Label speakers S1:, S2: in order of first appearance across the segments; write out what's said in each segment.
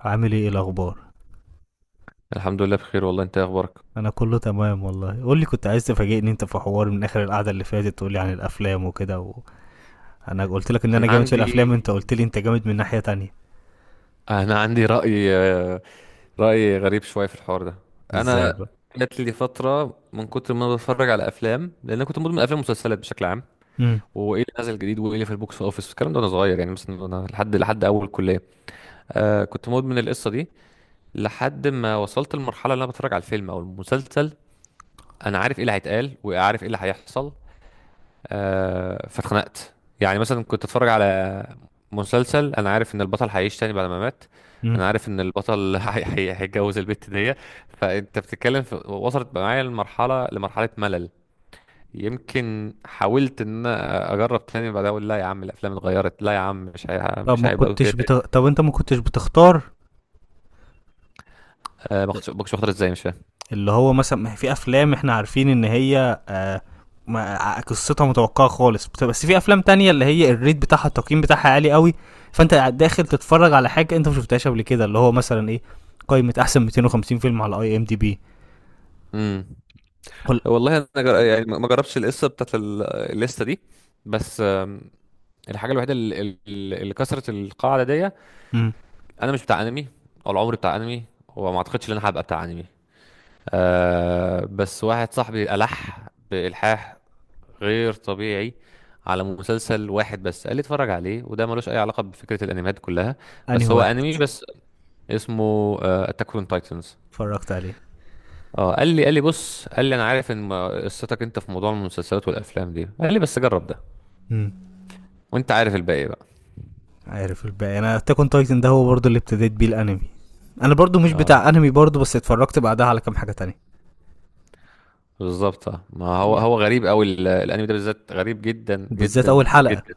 S1: عامل إيه الاخبار؟
S2: الحمد لله بخير والله، انت ايه اخبارك؟
S1: انا كله تمام والله، قول لي، كنت عايز تفاجئني انت في حوار من اخر القعده اللي فاتت، تقول لي عن الافلام وكده انا قلت لك ان
S2: انا
S1: انا جامد في الافلام،
S2: عندي
S1: انت قلت لي انت جامد من ناحيه تانية.
S2: انا عندي رأي رأي غريب شوية في الحوار ده.
S1: ازاي
S2: انا
S1: بقى؟
S2: جات لي فترة من كتر ما انا بتفرج على افلام، لان انا كنت مدمن افلام ومسلسلات بشكل عام،
S1: امم
S2: وايه اللي نازل جديد وايه اللي في البوكس اوفيس الكلام ده وانا صغير، يعني مثلا انا لحد اول كلية. كنت مدمن القصة دي لحد ما وصلت لمرحلة اللي انا بتفرج على الفيلم او المسلسل انا عارف ايه اللي هيتقال وعارف ايه اللي هيحصل. فاتخنقت. يعني مثلا كنت اتفرج على مسلسل انا عارف ان البطل هيعيش تاني بعد ما مات،
S1: امم
S2: انا عارف ان البطل هيتجوز البت دي. فانت بتتكلم في، وصلت معايا لمرحله ملل. يمكن حاولت ان انا اجرب تاني، بعد اقول لا يا عم الافلام اتغيرت، لا يا عم مش هيبقى أوي كده.
S1: طب انت ما كنتش بتختار؟
S2: ما كنتش واخدها ازاي، مش فاهم.
S1: اللي هو مثلا ما هي في افلام احنا عارفين ان هي، قصتها متوقعه خالص بس في افلام تانية اللي هي الريت بتاعها التقييم بتاعها عالي قوي، فانت داخل تتفرج على حاجه انت ما شفتهاش قبل كده اللي هو مثلا ايه، قائمه احسن 250 فيلم على اي ام دي بي.
S2: امم.
S1: قول.
S2: والله يعني ما جربتش القصه بتاعت الليسته دي. بس الحاجه الوحيده اللي كسرت القاعده دي.
S1: امم.
S2: انا مش بتاع انمي، ولا عمري بتاع انمي، وما اعتقدش ان انا هبقى بتاع انمي. أه، بس واحد صاحبي ألح بإلحاح غير طبيعي على مسلسل واحد بس، قال لي اتفرج عليه وده ملوش اي علاقة بفكرة الانميات كلها.
S1: انهي
S2: بس هو
S1: واحد؟
S2: انمي بس، اسمه اتاك اون تايتنز.
S1: اتفرجت عليه؟
S2: اه، قال لي بص، قال لي انا عارف ان قصتك انت في موضوع المسلسلات والافلام دي، قال لي بس جرب ده.
S1: امم.
S2: وانت عارف الباقي بقى.
S1: عارف الباقي. انا تاكون تايتن ده هو برضه اللي ابتديت بيه الانمي، انا برضه مش
S2: اه
S1: بتاع انمي برضه، بس اتفرجت بعدها على كام حاجه تانية.
S2: بالظبط. اه، ما هو
S1: yeah.
S2: هو غريب قوي. الانمي ده بالذات غريب جدا
S1: وبالذات
S2: جدا
S1: اول حلقه.
S2: جدا.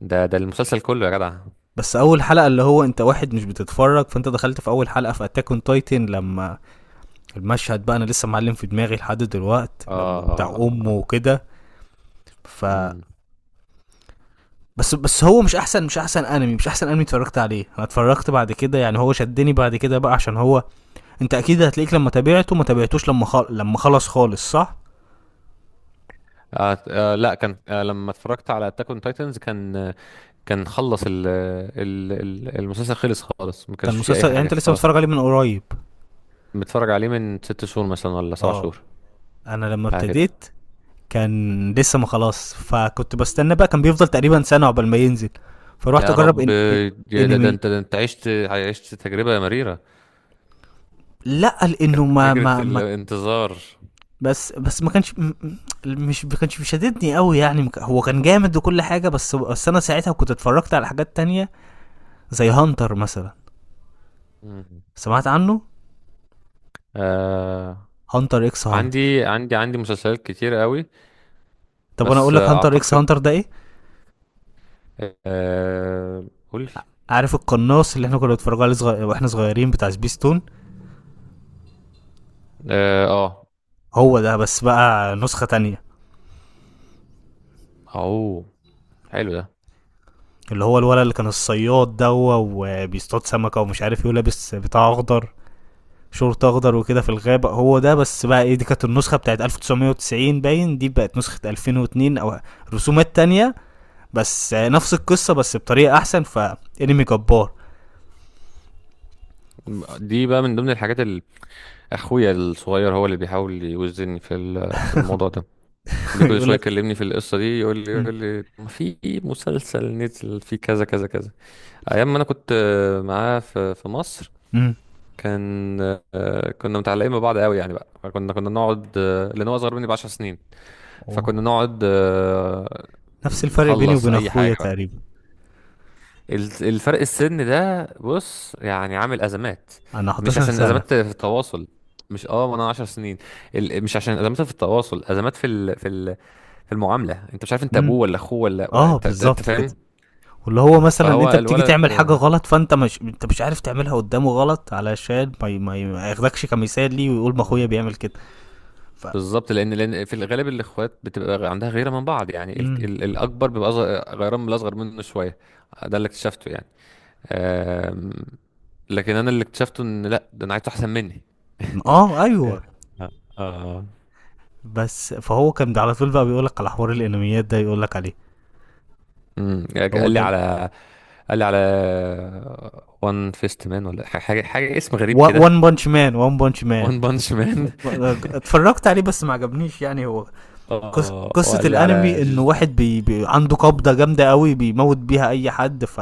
S2: ده المسلسل كله يا جدع.
S1: بس اول حلقه، اللي هو انت واحد مش بتتفرج، فانت دخلت في اول حلقه في اتاك اون تايتن لما المشهد بقى، انا لسه معلم في دماغي لحد دلوقت لما بتاع امه
S2: اه.
S1: وكده. ف
S2: امم.
S1: بس هو مش احسن مش احسن انمي مش احسن انمي اتفرجت عليه، انا اتفرجت بعد كده، يعني هو شدني بعد كده بقى عشان هو، انت اكيد هتلاقيك لما تابعته، ما تابعتوش لما لما خلص خالص، صح؟
S2: آه. آه. لا. كان آه. لما اتفرجت على اتاك اون تايتنز كان كان خلص المسلسل، خلص خالص، ما
S1: كان
S2: كانش فيه اي
S1: مسلسل، يعني
S2: حاجه
S1: انت لسه
S2: خلاص.
S1: متفرج عليه من قريب.
S2: متفرج عليه من 6 شهور مثلا، ولا سبع
S1: اه.
S2: شهور
S1: انا لما
S2: حاجه كده.
S1: ابتديت كان لسه ما خلاص، فكنت بستنى بقى، كان بيفضل تقريبا سنه عقبال ما ينزل، فروحت
S2: يا
S1: اجرب
S2: رب. يا ده, ده
S1: انمي.
S2: انت ده انت عشت تجربه مريره.
S1: لا
S2: كانت
S1: لانه ما
S2: فكره
S1: ما ما
S2: الانتظار.
S1: بس ما كانش م- م- مش ما كانش بيشددني قوي، يعني ما ك- هو كان جامد وكل حاجه، بس انا ساعتها كنت اتفرجت على حاجات تانية زي هانتر مثلا.
S2: مم.
S1: سمعت عنه؟
S2: آه.
S1: هانتر اكس هانتر.
S2: عندي مسلسلات كتير قوي.
S1: طب انا
S2: بس
S1: اقول لك هانتر اكس
S2: اعتقد.
S1: هانتر ده ايه.
S2: آه. قول.
S1: عارف القناص اللي احنا كنا بنتفرج عليه واحنا صغيرين، بتاع سبيستون؟
S2: اه. آه.
S1: هو ده بس بقى نسخه تانية،
S2: اوه، حلو ده.
S1: اللي هو الولد اللي كان الصياد دوا وبيصطاد سمكه ومش عارف ايه، لابس بتاع اخضر، شورت اخضر وكده في الغابه. هو ده بس بقى، ايه دي كانت النسخه بتاعت 1990 باين، دي بقت نسخه 2002 او رسومات تانية، بس نفس القصه بس بطريقه احسن، فانمي جبار.
S2: دي بقى من ضمن الحاجات اللي اخويا الصغير هو اللي بيحاول يوزني في في الموضوع ده. بكل
S1: يقول
S2: شويه
S1: لك
S2: يكلمني في القصه دي، يقول لي
S1: م-
S2: يقول لي ما في مسلسل نزل فيه كذا كذا كذا، ايام ما انا كنت معاه في مصر.
S1: م-
S2: كان كنا متعلقين ببعض قوي، يعني بقى كنا نقعد لان هو اصغر مني ب 10 سنين. فكنا
S1: أوه.
S2: نقعد
S1: نفس الفرق بيني
S2: نخلص
S1: وبين
S2: اي
S1: اخويا
S2: حاجه.
S1: تقريبا.
S2: الفرق السن ده بص يعني عامل ازمات.
S1: انا
S2: مش
S1: 11
S2: عشان
S1: سنه.
S2: ازمات في التواصل. مش، ما انا 10 سنين. مش عشان ازمات في التواصل، ازمات في في المعامله. انت مش عارف انت
S1: م-
S2: ابوه ولا اخوه ولا
S1: اه
S2: انت
S1: بالظبط كده.
S2: فاهم.
S1: واللي هو مثلا
S2: فهو
S1: انت بتيجي
S2: الولد.
S1: تعمل حاجه غلط، فانت مش عارف تعملها قدامه غلط علشان ما ياخدكش كمثال ليه، ويقول ما اخويا
S2: آه.
S1: بيعمل كده. ف
S2: بالظبط. لان في الغالب الاخوات بتبقى عندها غيره من بعض، يعني
S1: مم.
S2: الاكبر بيبقى أصغر، غيران من الاصغر منه شويه. ده اللي اكتشفته يعني. آم... لكن انا اللي اكتشفته ان لا، ده انا عايز احسن مني.
S1: اه ايوه.
S2: يعني. اه. آه.
S1: بس فهو كان على طول بقى بيقولك على حوار الانميات ده، يقولك عليه
S2: امم.
S1: هو
S2: قال لي
S1: ده
S2: على قال لي على وان فيست مان، ولا حاجه اسم غريب كده.
S1: وان بانش مان وان بانش مان
S2: وان بانش مان.
S1: اتفرجت عليه بس ما عجبنيش، يعني هو
S2: اه،
S1: قصة
S2: وقال لي على
S1: الانمي انه واحد عنده قبضة جامدة قوي بيموت بيها اي حد،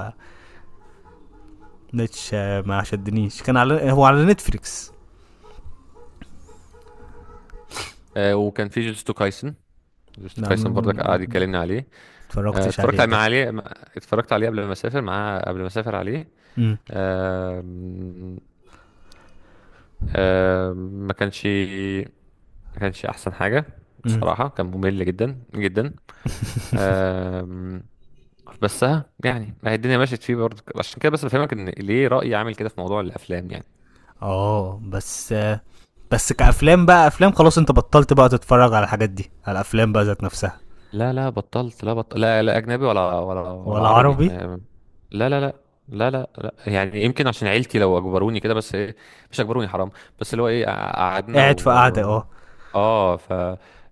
S1: مش ما شدنيش. كان على هو على نتفليكس.
S2: وكان في جوجوتسو كايسن. جوجوتسو كايسن برضك قعد
S1: نعم؟
S2: يكلمني عليه. آه،
S1: اتفرجتش عليه ده؟
S2: اتفرجت عليه قبل ما اسافر معاه، قبل ما اسافر عليه.
S1: امم،
S2: آه... آه... ما كانش ما كانش احسن حاجه.
S1: امم.
S2: بصراحه كان ممل جدا جدا. آه... بس ها يعني ما هي الدنيا مشيت فيه برضه، عشان كده بس بفهمك ان ليه رأيي عامل كده في موضوع الافلام يعني.
S1: اه بس. بس كأفلام بقى، أفلام خلاص، أنت بطلت بقى تتفرج على الحاجات دي، على الأفلام بقى ذات نفسها؟
S2: لا لا، بطلت. لا، بطل. لا لا اجنبي، ولا
S1: ولا
S2: عربي
S1: عربي؟
S2: ما... لا لا لا. لا لا لا، يعني يمكن عشان عيلتي لو اجبروني كده، بس إيه. مش اجبروني حرام. بس اللي هو ايه، قعدنا
S1: قاعد في قعدة،
S2: و...
S1: اه.
S2: اه ف.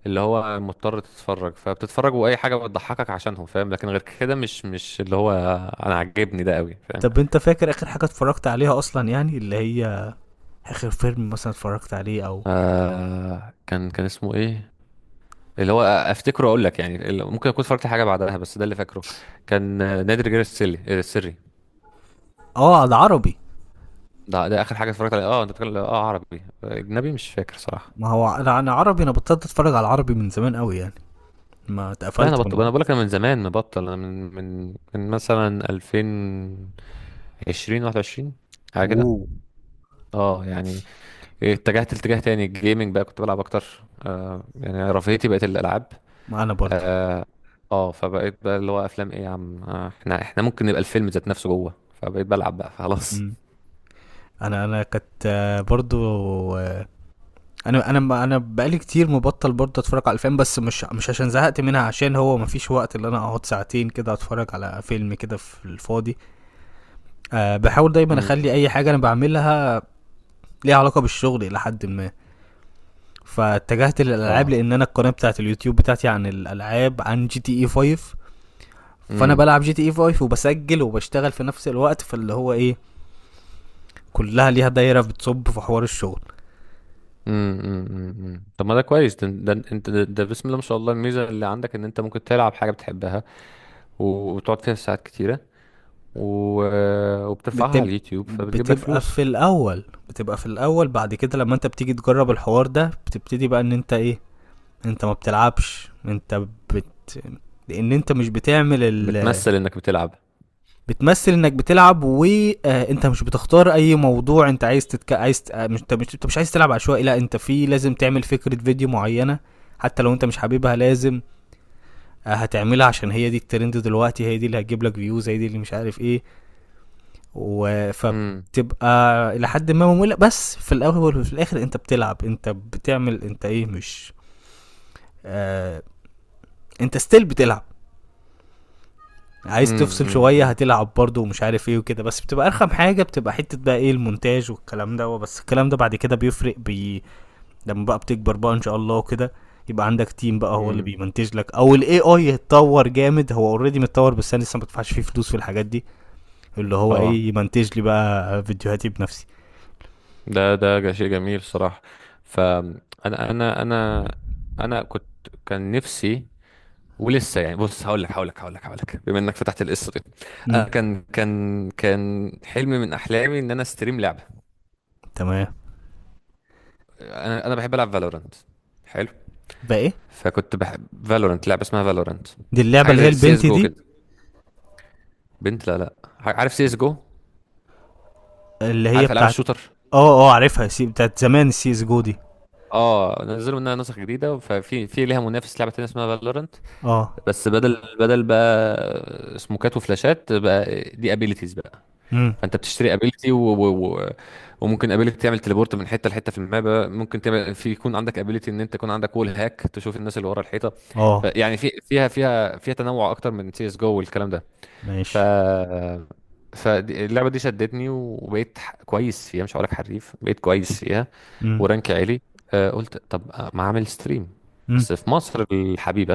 S2: اللي هو مضطر تتفرج، فبتتفرج واي حاجه بتضحكك عشانهم فاهم، لكن غير كده مش مش اللي هو انا عاجبني ده قوي فاهم.
S1: طب أنت فاكر آخر حاجة اتفرجت عليها أصلا، يعني اللي هي آخر فيلم مثلا اتفرجت عليه أو؟
S2: آه، كان اسمه ايه، اللي هو افتكره اقول لك يعني، ممكن اكون اتفرجت على حاجه بعدها بس ده اللي فاكره. كان نادي الرجال السري، السري.
S1: اه على عربي.
S2: ده ده اخر حاجه اتفرجت عليها. اه انت بتتكلم، اه، عربي اجنبي، مش فاكر صراحه.
S1: ما هو أنا عربي، أنا بطلت أتفرج على العربي من زمان أوي يعني، ما
S2: لا انا
S1: اتقفلت من
S2: بطل، انا
S1: العربي.
S2: بقول لك انا من زمان مبطل، انا من مثلا 2020 21، حاجه كده.
S1: اوه.
S2: اه يعني، اتجهت لاتجاه تاني، الجيمنج بقى كنت بلعب اكتر. آه يعني رفاهيتي بقت الالعاب.
S1: ما أنا برضو.
S2: اه. فبقيت بقى اللي هو افلام ايه يا عم، آه، احنا ممكن نبقى الفيلم ذات نفسه جوه. فبقيت بلعب بقى خلاص.
S1: مم. أنا كانت برضو، آه، انا بقالي كتير مبطل برضه اتفرج على الافلام، بس مش عشان زهقت منها، عشان هو مفيش وقت اللي انا اقعد ساعتين كده اتفرج على فيلم كده في الفاضي. أه بحاول دايما
S2: امم.
S1: اخلي اي حاجه انا بعملها ليها علاقه بالشغل الى حد ما، فاتجهت للالعاب
S2: اه.
S1: لان انا القناه بتاعت اليوتيوب بتاعتي عن الالعاب، عن جي تي اي 5. فانا
S2: امم
S1: بلعب جي تي اي 5 وبسجل وبشتغل في نفس الوقت، فاللي هو ايه، كلها ليها دايره بتصب في حوار الشغل.
S2: امم امم. طب ما ده كويس ده. ده انت ده بسم الله ما شاء الله الميزه اللي عندك ان انت ممكن تلعب حاجه بتحبها، وتقعد فيها ساعات كتيره، و... وبترفعها على
S1: بتب...
S2: اليوتيوب، فبتجيب لك
S1: بتبقى في
S2: فلوس.
S1: الاول بتبقى في الاول بعد كده لما انت بتيجي تجرب الحوار ده، بتبتدي بقى ان انت ايه، انت ما بتلعبش انت، بت لان انت مش بتعمل
S2: بتمثل انك بتلعب.
S1: بتمثل انك بتلعب، وانت مش بتختار اي موضوع انت عايز ت... آه، مش عايز تلعب عشوائي، لا انت لازم تعمل فكره فيديو معينه، حتى لو انت مش حاببها، لازم هتعملها عشان هي دي الترند دلوقتي، هي دي اللي هتجيب لك فيوز، هي دي اللي مش عارف ايه.
S2: امم.
S1: وفبتبقى الى حد ما ممله، بس في الاول وفي الاخر انت بتلعب، انت بتعمل انت ايه، مش آه انت ستيل بتلعب، عايز
S2: امم.
S1: تفصل
S2: امم.
S1: شويه
S2: امم.
S1: هتلعب برضه ومش عارف ايه وكده، بس بتبقى ارخم حاجه، بتبقى حته بقى ايه المونتاج والكلام ده. بس الكلام ده بعد كده بيفرق لما بقى بتكبر بقى ان شاء الله وكده، يبقى عندك تيم بقى هو اللي
S2: أمم.
S1: بيمنتج لك، او الاي اي يتطور جامد، هو اوريدي متطور بس انا لسه ما بدفعش فيه فلوس في الحاجات دي، اللي هو
S2: اه.
S1: ايه، يمنتج لي بقى فيديوهاتي بنفسي.
S2: شيء جميل صراحه. فانا انا كنت، كان نفسي، ولسه، يعني بص، هقول لك بما انك فتحت القصه دي.
S1: امم.
S2: انا كان كان حلم من احلامي ان انا استريم لعبه.
S1: تمام.
S2: انا بحب العب فالورانت. حلو.
S1: بقى ايه؟
S2: فكنت بحب فالورانت، لعبه اسمها فالورانت.
S1: دي اللعبه
S2: حاجه
S1: اللي هي
S2: زي سي اس
S1: البنت
S2: جو
S1: دي؟
S2: كده. بنت، لا لا. عارف سي اس جو.
S1: اللي هي
S2: عارف العاب
S1: بتاعت،
S2: الشوتر.
S1: اه اه عارفها، بتاعت زمان، السي اس جو دي.
S2: اه، نزلوا منها نسخ جديده، ففي ليها منافس لعبه تانية اسمها فالورانت.
S1: اه.
S2: بس بدل بقى سموكات وفلاشات، بقى دي ابيليتيز.
S1: امم.
S2: فانت بتشتري ابيلتي وممكن ابيلتي تعمل تليبورت من حته لحته في المابا، ممكن تعمل في يكون عندك ابيلتي ان انت يكون عندك وول هاك تشوف الناس اللي ورا الحيطه.
S1: اه.
S2: فيعني في فيها تنوع اكتر من سي اس جو والكلام ده. ف.
S1: ماشي.
S2: فاللعبه دي شدتني، وبقيت كويس فيها، مش هقول لك حريف، بقيت كويس فيها.
S1: امم،
S2: ورانك عالي. آه، قلت طب، ما اعمل ستريم.
S1: امم.
S2: بس في مصر الحبيبه،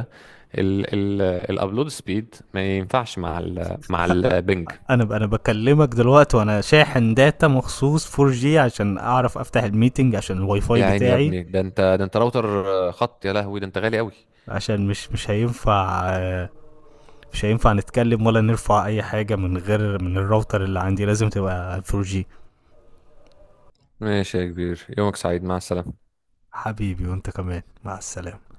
S2: ال ال الابلود سبيد ما ينفعش مع مع البنج.
S1: انا بكلمك دلوقتي وانا شاحن داتا مخصوص 4 جي عشان اعرف افتح الميتنج، عشان الواي فاي
S2: يا عيني يا
S1: بتاعي
S2: ابني، ده انت، ده انت راوتر خط، يا لهوي ده انت غالي قوي.
S1: عشان مش هينفع، مش هينفع نتكلم ولا نرفع اي حاجه من غير من الراوتر اللي عندي، لازم تبقى 4 جي.
S2: ماشي يا كبير، يومك سعيد، مع السلامة.
S1: حبيبي، وانت كمان مع السلامه.